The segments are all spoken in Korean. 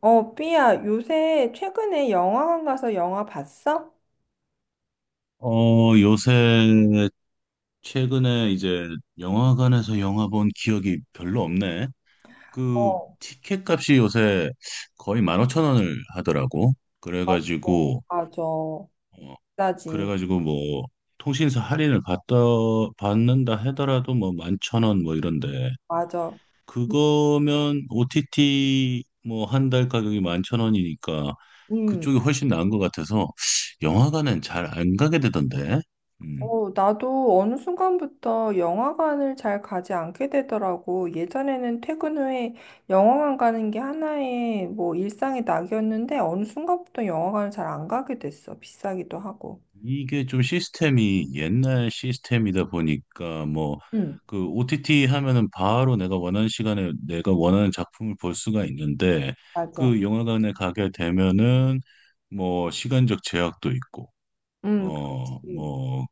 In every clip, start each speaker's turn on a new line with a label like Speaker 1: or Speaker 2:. Speaker 1: 어, 삐야, 요새 최근에 영화관 가서 영화 봤어?
Speaker 2: 요새 최근에 이제 영화관에서 영화 본 기억이 별로 없네. 그
Speaker 1: 어,
Speaker 2: 티켓 값이 요새 거의 15,000원을 하더라고.
Speaker 1: 어,
Speaker 2: 그래가지고
Speaker 1: 맞아.
Speaker 2: 어,
Speaker 1: 나지.
Speaker 2: 그래가지고 뭐 통신사 할인을 받다 받는다 하더라도 뭐 11,000원 뭐 이런데,
Speaker 1: 맞아.
Speaker 2: 그거면 OTT 뭐 한 달 가격이 11,000원이니까
Speaker 1: 음.
Speaker 2: 그쪽이 훨씬 나은 것 같아서 영화관은 잘 안 가게 되던데. 음.
Speaker 1: 어, 나도 어느 순간부터 영화관을 잘 가지 않게 되더라고. 예전에는 퇴근 후에 영화관 가는 게 하나의 뭐 일상의 낙이었는데 어느 순간부터 영화관을 잘 안 가게 됐어. 비싸기도 하고.
Speaker 2: 이게 좀 시스템이 옛날 시스템이다 보니까, 뭐
Speaker 1: 응,
Speaker 2: 그 OTT 하면은 바로 내가 원하는 시간에 내가 원하는 작품을 볼 수가 있는데,
Speaker 1: 맞아.
Speaker 2: 그 영화관에 가게 되면은 뭐 시간적 제약도 있고
Speaker 1: 그렇지.
Speaker 2: 뭐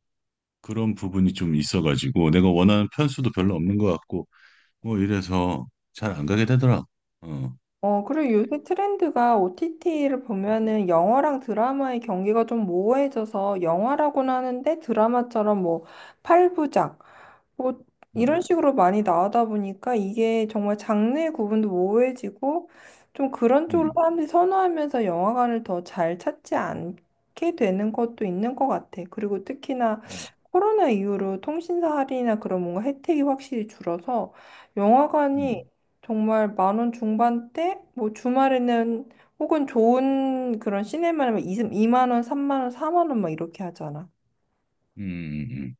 Speaker 2: 그런 부분이 좀 있어가지고, 내가 원하는 편수도 별로 없는 것 같고 뭐 이래서 잘 안 가게 되더라. 어.
Speaker 1: 어, 그리고 요새 트렌드가 OTT를 보면은 영화랑 드라마의 경계가 좀 모호해져서 영화라고는 하는데 드라마처럼 뭐 8부작, 뭐 이런
Speaker 2: 음.
Speaker 1: 식으로 많이 나오다 보니까 이게 정말 장르의 구분도 모호해지고 좀 그런 쪽으로
Speaker 2: 음.
Speaker 1: 사람들이 선호하면서 영화관을 더 잘 찾지 않게 되는 것도 있는 것 같아. 그리고 특히나
Speaker 2: 음.
Speaker 1: 코로나 이후로 통신사 할인이나 그런 뭔가 혜택이 확실히 줄어서 영화관이
Speaker 2: 음.
Speaker 1: 정말 10,000원 중반대 뭐 주말에는 혹은 좋은 그런 시네마는 2만 원, 3만 원, 4만 원 막 이렇게 하잖아.
Speaker 2: 음. 음. 음.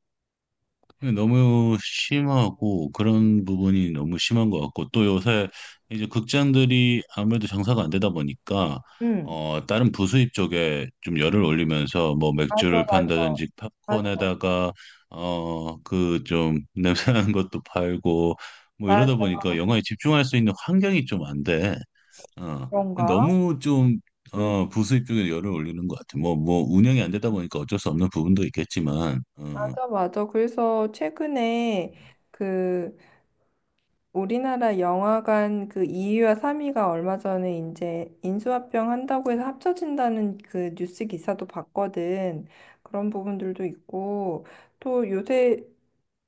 Speaker 2: 너무 심하고, 그런 부분이 너무 심한 것 같고, 또 요새 이제 극장들이 아무래도 장사가 안 되다 보니까
Speaker 1: 응,
Speaker 2: 다른 부수입 쪽에 좀 열을 올리면서, 뭐
Speaker 1: 맞아,
Speaker 2: 맥주를
Speaker 1: 맞아.
Speaker 2: 판다든지,
Speaker 1: 맞아.
Speaker 2: 팝콘에다가 그 좀 냄새나는 것도 팔고 뭐 이러다 보니까 영화에 집중할 수 있는 환경이 좀 안 돼. 어
Speaker 1: 그런가?
Speaker 2: 너무 좀
Speaker 1: 음,
Speaker 2: 부수입 쪽에 열을 올리는 것 같아. 뭐 운영이 안 되다 보니까 어쩔 수 없는 부분도 있겠지만. 어.
Speaker 1: 맞아, 맞아. 그래서 최근에 그 우리나라 영화관 그 2위와 3위가 얼마 전에 이제 인수합병 한다고 해서 합쳐진다는 그 뉴스 기사도 봤거든. 그런 부분들도 있고 또 요새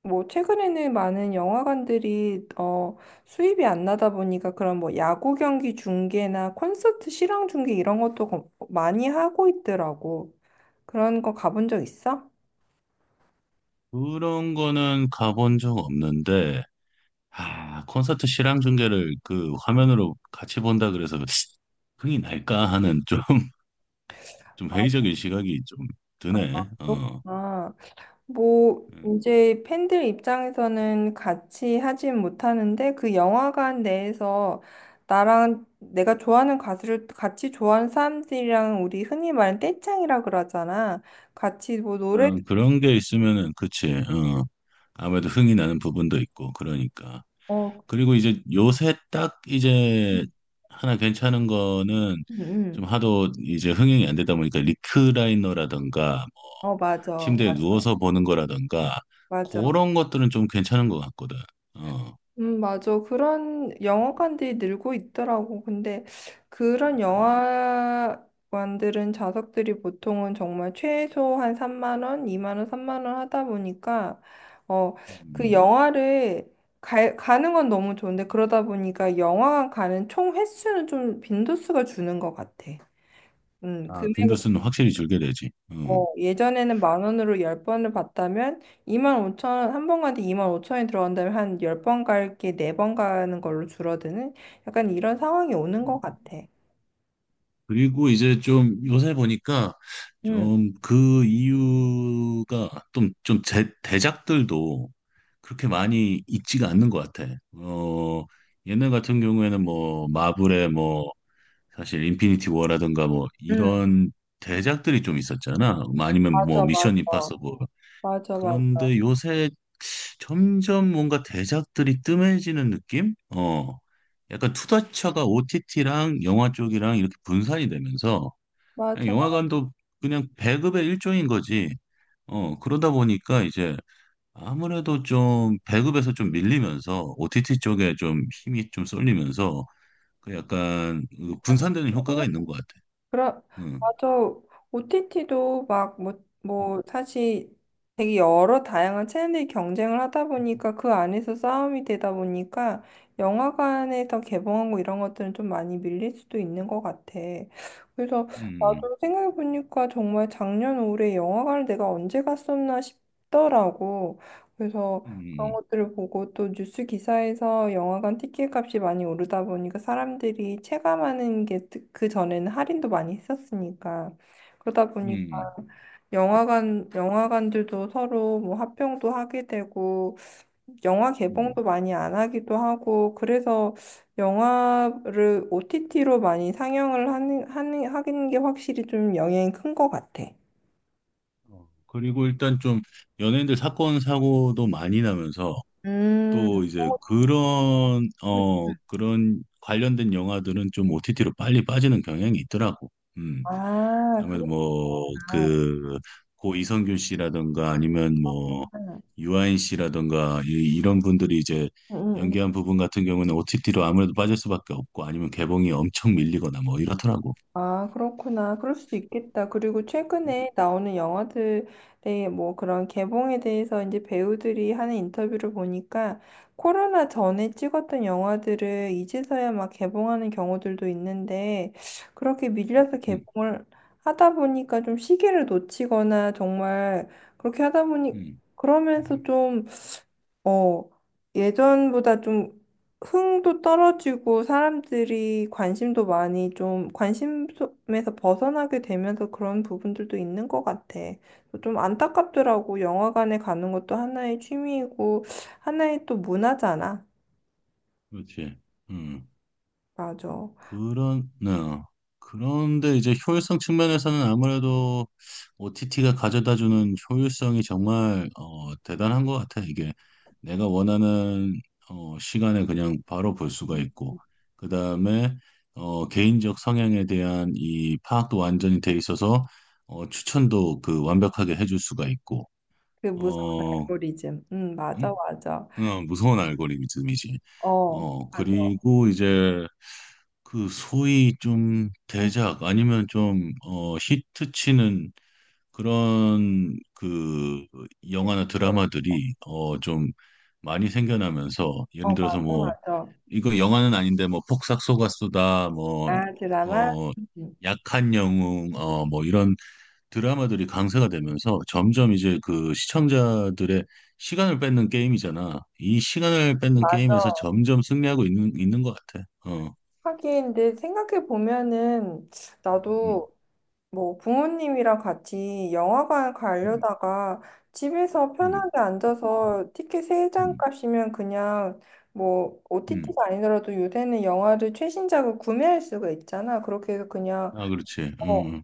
Speaker 1: 뭐 최근에는 많은 영화관들이 어 수입이 안 나다 보니까 그런 뭐 야구 경기 중계나 콘서트 실황 중계 이런 것도 많이 하고 있더라고. 그런 거 가본 적 있어?
Speaker 2: 그런 거는 가본 적 없는데, 아, 콘서트 실황 중계를 그 화면으로 같이 본다 그래서 흥이 날까 하는 좀, 좀 회의적인 시각이 좀 드네.
Speaker 1: 그렇구나.
Speaker 2: 어,
Speaker 1: 아. 뭐,
Speaker 2: 음,
Speaker 1: 이제 팬들 입장에서는 같이 하진 못하는데 그 영화관 내에서 나랑 내가 좋아하는 가수를 같이 좋아하는 사람들이랑 우리 흔히 말하는 떼짱이라 그러잖아. 같이 뭐 노래,
Speaker 2: 어, 그런 게 있으면은, 그치. 어, 아무래도 흥이 나는 부분도 있고, 그러니까.
Speaker 1: 어,
Speaker 2: 그리고 이제 요새 딱 이제
Speaker 1: 음,
Speaker 2: 하나 괜찮은 거는, 좀
Speaker 1: 음.
Speaker 2: 하도 이제 흥행이 안 되다 보니까 리크라이너라던가
Speaker 1: 어, 맞아.
Speaker 2: 침대에 누워서 보는 거라던가,
Speaker 1: 맞아.
Speaker 2: 그런 것들은 좀 괜찮은 것 같거든. 어.
Speaker 1: 맞아. 그런 영화관들이 늘고 있더라고. 근데 그런 영화관들은 좌석들이 보통은 정말 최소 한 3만 원, 2만 원, 3만 원 하다 보니까 어, 그
Speaker 2: 음,
Speaker 1: 영화를 가는 건 너무 좋은데 그러다 보니까 영화관 가는 총 횟수는 좀 빈도수가 주는 것 같아.
Speaker 2: 아,
Speaker 1: 금액
Speaker 2: 빈도수는 확실히 줄게 되지. 어.
Speaker 1: 어, 예전에는 만 원으로 열 번을 봤다면 25,000원, 한 번 가는데 2만 오천 원이 들어간다면 한 10번 갈게 네 번 가는 걸로 줄어드는 약간 이런 상황이 오는 것 같아.
Speaker 2: 그리고 이제 좀 요새 보니까
Speaker 1: 응,
Speaker 2: 좀 그 이유가 좀, 대작들도 그렇게 많이 있지가 않는 것 같아. 어, 옛날 같은 경우에는 뭐 마블의 뭐 사실 인피니티 워라든가 뭐
Speaker 1: 응.
Speaker 2: 이런 대작들이 좀 있었잖아. 뭐 아니면 뭐
Speaker 1: 맞아, 맞아.
Speaker 2: 미션 임파서블.
Speaker 1: 맞아, 맞아.
Speaker 2: 그런데 요새 점점 뭔가 대작들이 뜸해지는 느낌? 어, 약간 투자처가 OTT랑 영화 쪽이랑 이렇게 분산이 되면서 그냥
Speaker 1: 맞아.
Speaker 2: 영화관도 그냥 배급의 일종인 거지. 어, 그러다 보니까 이제 아무래도 좀 배급에서 좀 밀리면서 OTT 쪽에 좀 힘이 좀 쏠리면서 그 약간 그 분산되는 효과가 있는 것 같아.
Speaker 1: 그러,
Speaker 2: 응.
Speaker 1: 맞아. OTT도 막, 뭐,
Speaker 2: 음,
Speaker 1: 뭐, 사실 되게 여러 다양한 채널이 경쟁을 하다 보니까 그 안에서 싸움이 되다 보니까 영화관에서 개봉하고 이런 것들은 좀 많이 밀릴 수도 있는 것 같아. 그래서
Speaker 2: 음,
Speaker 1: 나도 생각해보니까 정말 작년 올해 영화관을 내가 언제 갔었나 싶더라고. 그래서 그런
Speaker 2: 음,
Speaker 1: 것들을 보고 또 뉴스 기사에서 영화관 티켓 값이 많이 오르다 보니까 사람들이 체감하는 게 그 전에는 할인도 많이 했었으니까 그러다
Speaker 2: 음,
Speaker 1: 보니까
Speaker 2: 음.
Speaker 1: 영화관들도 서로 뭐 합병도 하게 되고 영화
Speaker 2: 음, 음.
Speaker 1: 개봉도 많이 안 하기도 하고 그래서 영화를 OTT로 많이 상영을 하는 게 확실히 좀 영향이 큰 것 같아.
Speaker 2: 어, 그리고 일단 좀 연예인들 사건 사고도 많이 나면서 또
Speaker 1: 음,
Speaker 2: 이제 그런 그런 관련된 영화들은 좀 OTT로 빨리 빠지는 경향이 있더라고. 음.
Speaker 1: 아,
Speaker 2: 아무래도 뭐
Speaker 1: 그렇구나.
Speaker 2: 그 고 이성균 씨라든가 아니면 뭐 유아인 씨라든가 이런 분들이 이제
Speaker 1: 응,
Speaker 2: 연기한 부분 같은 경우는 OTT로 아무래도 빠질 수밖에 없고, 아니면 개봉이 엄청 밀리거나 뭐 이렇더라고.
Speaker 1: 아, 그렇구나. 그럴 수도 있겠다. 그리고
Speaker 2: 음,
Speaker 1: 최근에 나오는 영화들의 뭐 그런 개봉에 대해서 이제 배우들이 하는 인터뷰를 보니까 코로나 전에 찍었던 영화들을 이제서야 막 개봉하는 경우들도 있는데 그렇게 밀려서
Speaker 2: 음,
Speaker 1: 개봉을 하다 보니까 좀 시기를 놓치거나 정말 그렇게 하다 보니
Speaker 2: 음.
Speaker 1: 그러면서 좀 어, 예전보다 좀 흥도 떨어지고 사람들이 관심도 많이 좀 관심에서 벗어나게 되면서 그런 부분들도 있는 것 같아. 좀 안타깝더라고. 영화관에 가는 것도 하나의 취미이고 하나의 또 문화잖아.
Speaker 2: 그렇지. 음.
Speaker 1: 맞아.
Speaker 2: 그런, 네. 그런데 이제 효율성 측면에서는 아무래도 OTT가 가져다주는 효율성이 정말 어, 대단한 것 같아. 이게 내가 원하는 어, 시간에 그냥 바로 볼 수가 있고, 그 다음에 어, 개인적 성향에 대한 이 파악도 완전히 돼 있어서 어, 추천도 그 완벽하게 해줄 수가 있고,
Speaker 1: 그 무서운
Speaker 2: 어,
Speaker 1: 알고리즘. 응, 맞아,
Speaker 2: 응?
Speaker 1: 맞아.
Speaker 2: 어, 무서운 알고리즘이지.
Speaker 1: 어,
Speaker 2: 어,
Speaker 1: 맞아.
Speaker 2: 그리고 이제 그 소위 좀
Speaker 1: 응.
Speaker 2: 대작 아니면 좀 어, 히트 치는 그런 그 영화나 드라마들이 어, 좀 많이 생겨나면서
Speaker 1: 어,
Speaker 2: 예를 들어서
Speaker 1: 맞아,
Speaker 2: 뭐
Speaker 1: 맞아.
Speaker 2: 이거 영화는 아닌데 뭐 폭삭 속았수다 뭐
Speaker 1: 아, 드라마?
Speaker 2: 어,
Speaker 1: 응.
Speaker 2: 약한 영웅 어, 뭐 이런 드라마들이 강세가 되면서 점점 이제 그 시청자들의 시간을 뺏는 게임이잖아. 이 시간을 뺏는 게임에서 점점 승리하고 있는 것 같아. 어.
Speaker 1: 하긴, 근데 생각해 보면은,
Speaker 2: 음,
Speaker 1: 나도 뭐 부모님이랑 같이 영화관
Speaker 2: 음,
Speaker 1: 가려다가 집에서
Speaker 2: 음,
Speaker 1: 편하게 앉아서 티켓 세 장
Speaker 2: 음,
Speaker 1: 값이면 그냥 뭐
Speaker 2: 음.
Speaker 1: OTT가 아니더라도 요새는 영화를 최신작을 구매할 수가 있잖아. 그렇게 해서 그냥,
Speaker 2: 아, 그렇지.
Speaker 1: 어,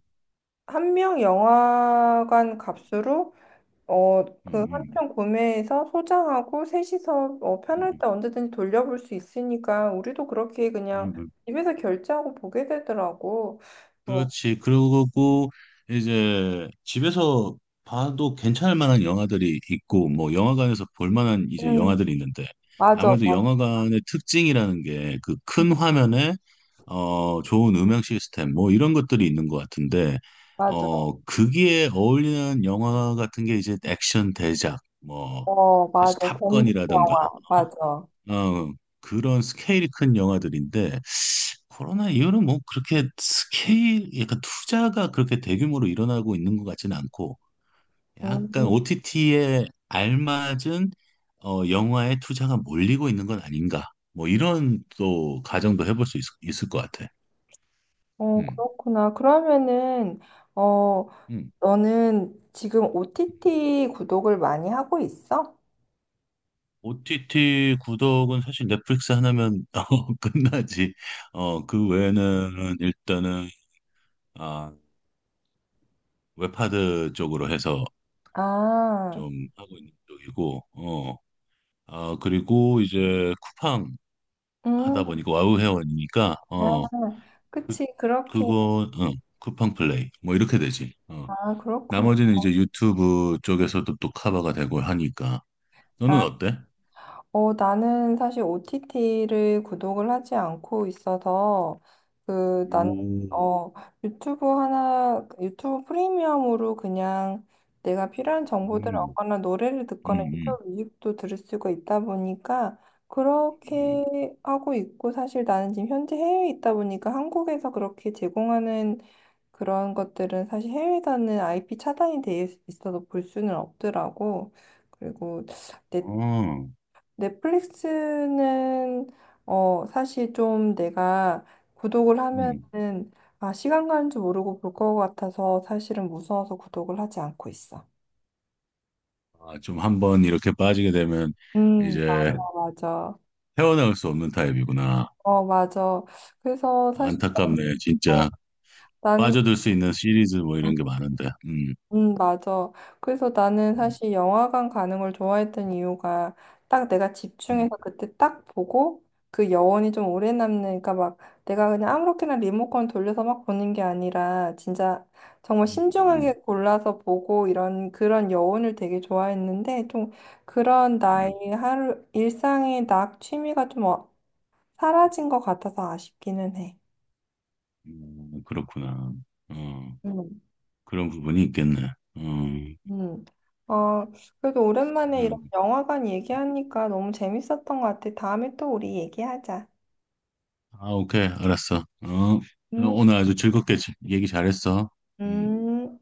Speaker 1: 한 명 영화관 값으로 어,
Speaker 2: 음,
Speaker 1: 그 한
Speaker 2: 음,
Speaker 1: 편 구매해서 소장하고 셋이서 어, 편할
Speaker 2: 음,
Speaker 1: 때 언제든지 돌려볼 수 있으니까 우리도 그렇게 그냥
Speaker 2: 음, 음.
Speaker 1: 집에서 결제하고 보게 되더라고. 어,
Speaker 2: 그렇지. 그러고 이제 집에서 봐도 괜찮을 만한 영화들이 있고 뭐 영화관에서 볼 만한 이제
Speaker 1: 음,
Speaker 2: 영화들이 있는데,
Speaker 1: 맞아,
Speaker 2: 아무래도
Speaker 1: 맞-
Speaker 2: 영화관의 특징이라는 게 그
Speaker 1: 음,
Speaker 2: 큰 화면에 좋은 음향 시스템 뭐 이런 것들이 있는 것 같은데
Speaker 1: 맞아.
Speaker 2: 거기에 어울리는 영화 같은 게 이제 액션 대작 뭐
Speaker 1: 어, 맞아.
Speaker 2: 사실
Speaker 1: 범죄
Speaker 2: 탑건이라든가
Speaker 1: 영화, 맞아.
Speaker 2: 어? 어, 그런 스케일이 큰 영화들인데 코로나 이후로는 뭐 그렇게 스케일 약간 투자가 그렇게 대규모로 일어나고 있는 것 같지는 않고 약간
Speaker 1: 음,
Speaker 2: OTT에 알맞은 어, 영화의 투자가 몰리고 있는 건 아닌가 뭐 이런 또 가정도 해볼 수 있을 것 같아.
Speaker 1: 어,
Speaker 2: 음,
Speaker 1: 그렇구나. 그러면은, 어,
Speaker 2: 음.
Speaker 1: 너는 지금 OTT 구독을 많이 하고 있어?
Speaker 2: OTT 구독은 사실 넷플릭스 하나면 어, 끝나지. 어, 그 외에는 일단은 아, 웹하드 쪽으로 해서
Speaker 1: 아,
Speaker 2: 좀 하고 있는 쪽이고, 어, 아, 그리고 이제 쿠팡
Speaker 1: 음,
Speaker 2: 하다 보니까 와우 회원이니까,
Speaker 1: 아,
Speaker 2: 어, 그,
Speaker 1: 그치, 그렇게.
Speaker 2: 그거, 어, 쿠팡 플레이, 뭐 이렇게 되지. 어,
Speaker 1: 아, 그렇구나.
Speaker 2: 나머지는 이제 유튜브 쪽에서도 또 커버가 되고 하니까. 너는
Speaker 1: 아,
Speaker 2: 어때?
Speaker 1: 어, 나는 사실 OTT를 구독을 하지 않고 있어서, 그, 난,
Speaker 2: 오,
Speaker 1: 어, 유튜브 하나, 유튜브 프리미엄으로 그냥 내가 필요한
Speaker 2: 음,
Speaker 1: 정보들을
Speaker 2: 음,
Speaker 1: 얻거나 노래를 듣거나
Speaker 2: 음,
Speaker 1: 유튜브 뮤직도 들을 수가 있다 보니까,
Speaker 2: 음.
Speaker 1: 그렇게 하고 있고, 사실 나는 지금 현재 해외에 있다 보니까 한국에서 그렇게 제공하는 그런 것들은 사실 해외에서는 IP 차단이 돼 있어서 볼 수는 없더라고. 그리고 내
Speaker 2: 어,
Speaker 1: 넷플릭스는 어 사실 좀 내가 구독을
Speaker 2: 음.
Speaker 1: 하면은 아 시간 가는 줄 모르고 볼 것 같아서 사실은 무서워서 구독을 하지 않고 있어.
Speaker 2: 아, 좀 한번 이렇게 빠지게 되면
Speaker 1: 음,
Speaker 2: 이제
Speaker 1: 아, 맞아.
Speaker 2: 헤어나올 수 없는 타입이구나.
Speaker 1: 어, 맞아. 그래서 사실
Speaker 2: 안타깝네,
Speaker 1: 어,
Speaker 2: 진짜.
Speaker 1: 난
Speaker 2: 빠져들 수 있는 시리즈 뭐 이런 게 많은데. 음.
Speaker 1: 맞아. 그래서 나는
Speaker 2: 음,
Speaker 1: 사실 영화관 가는 걸 좋아했던 이유가 딱 내가 집중해서
Speaker 2: 음,
Speaker 1: 그때 딱 보고 그 여운이 좀 오래 남으니까 막 내가 그냥 아무렇게나 리모컨 돌려서 막 보는 게 아니라 진짜 정말
Speaker 2: 음,
Speaker 1: 신중하게 골라서 보고 이런 그런 여운을 되게 좋아했는데 좀 그런 나의
Speaker 2: 음,
Speaker 1: 하루 일상의 낙 취미가 좀 사라진 것 같아서 아쉽기는 해.
Speaker 2: 그렇구나. 어, 그런 부분이 있겠네. 어,
Speaker 1: 음. 어, 그래도 오랜만에 이런
Speaker 2: 음.
Speaker 1: 영화관 얘기하니까 너무 재밌었던 것 같아. 다음에 또 우리 얘기하자.
Speaker 2: 아, 오케이. 알았어. 어,
Speaker 1: 음,
Speaker 2: 오늘 아주 즐겁게 얘기 잘했어. 음.
Speaker 1: 음.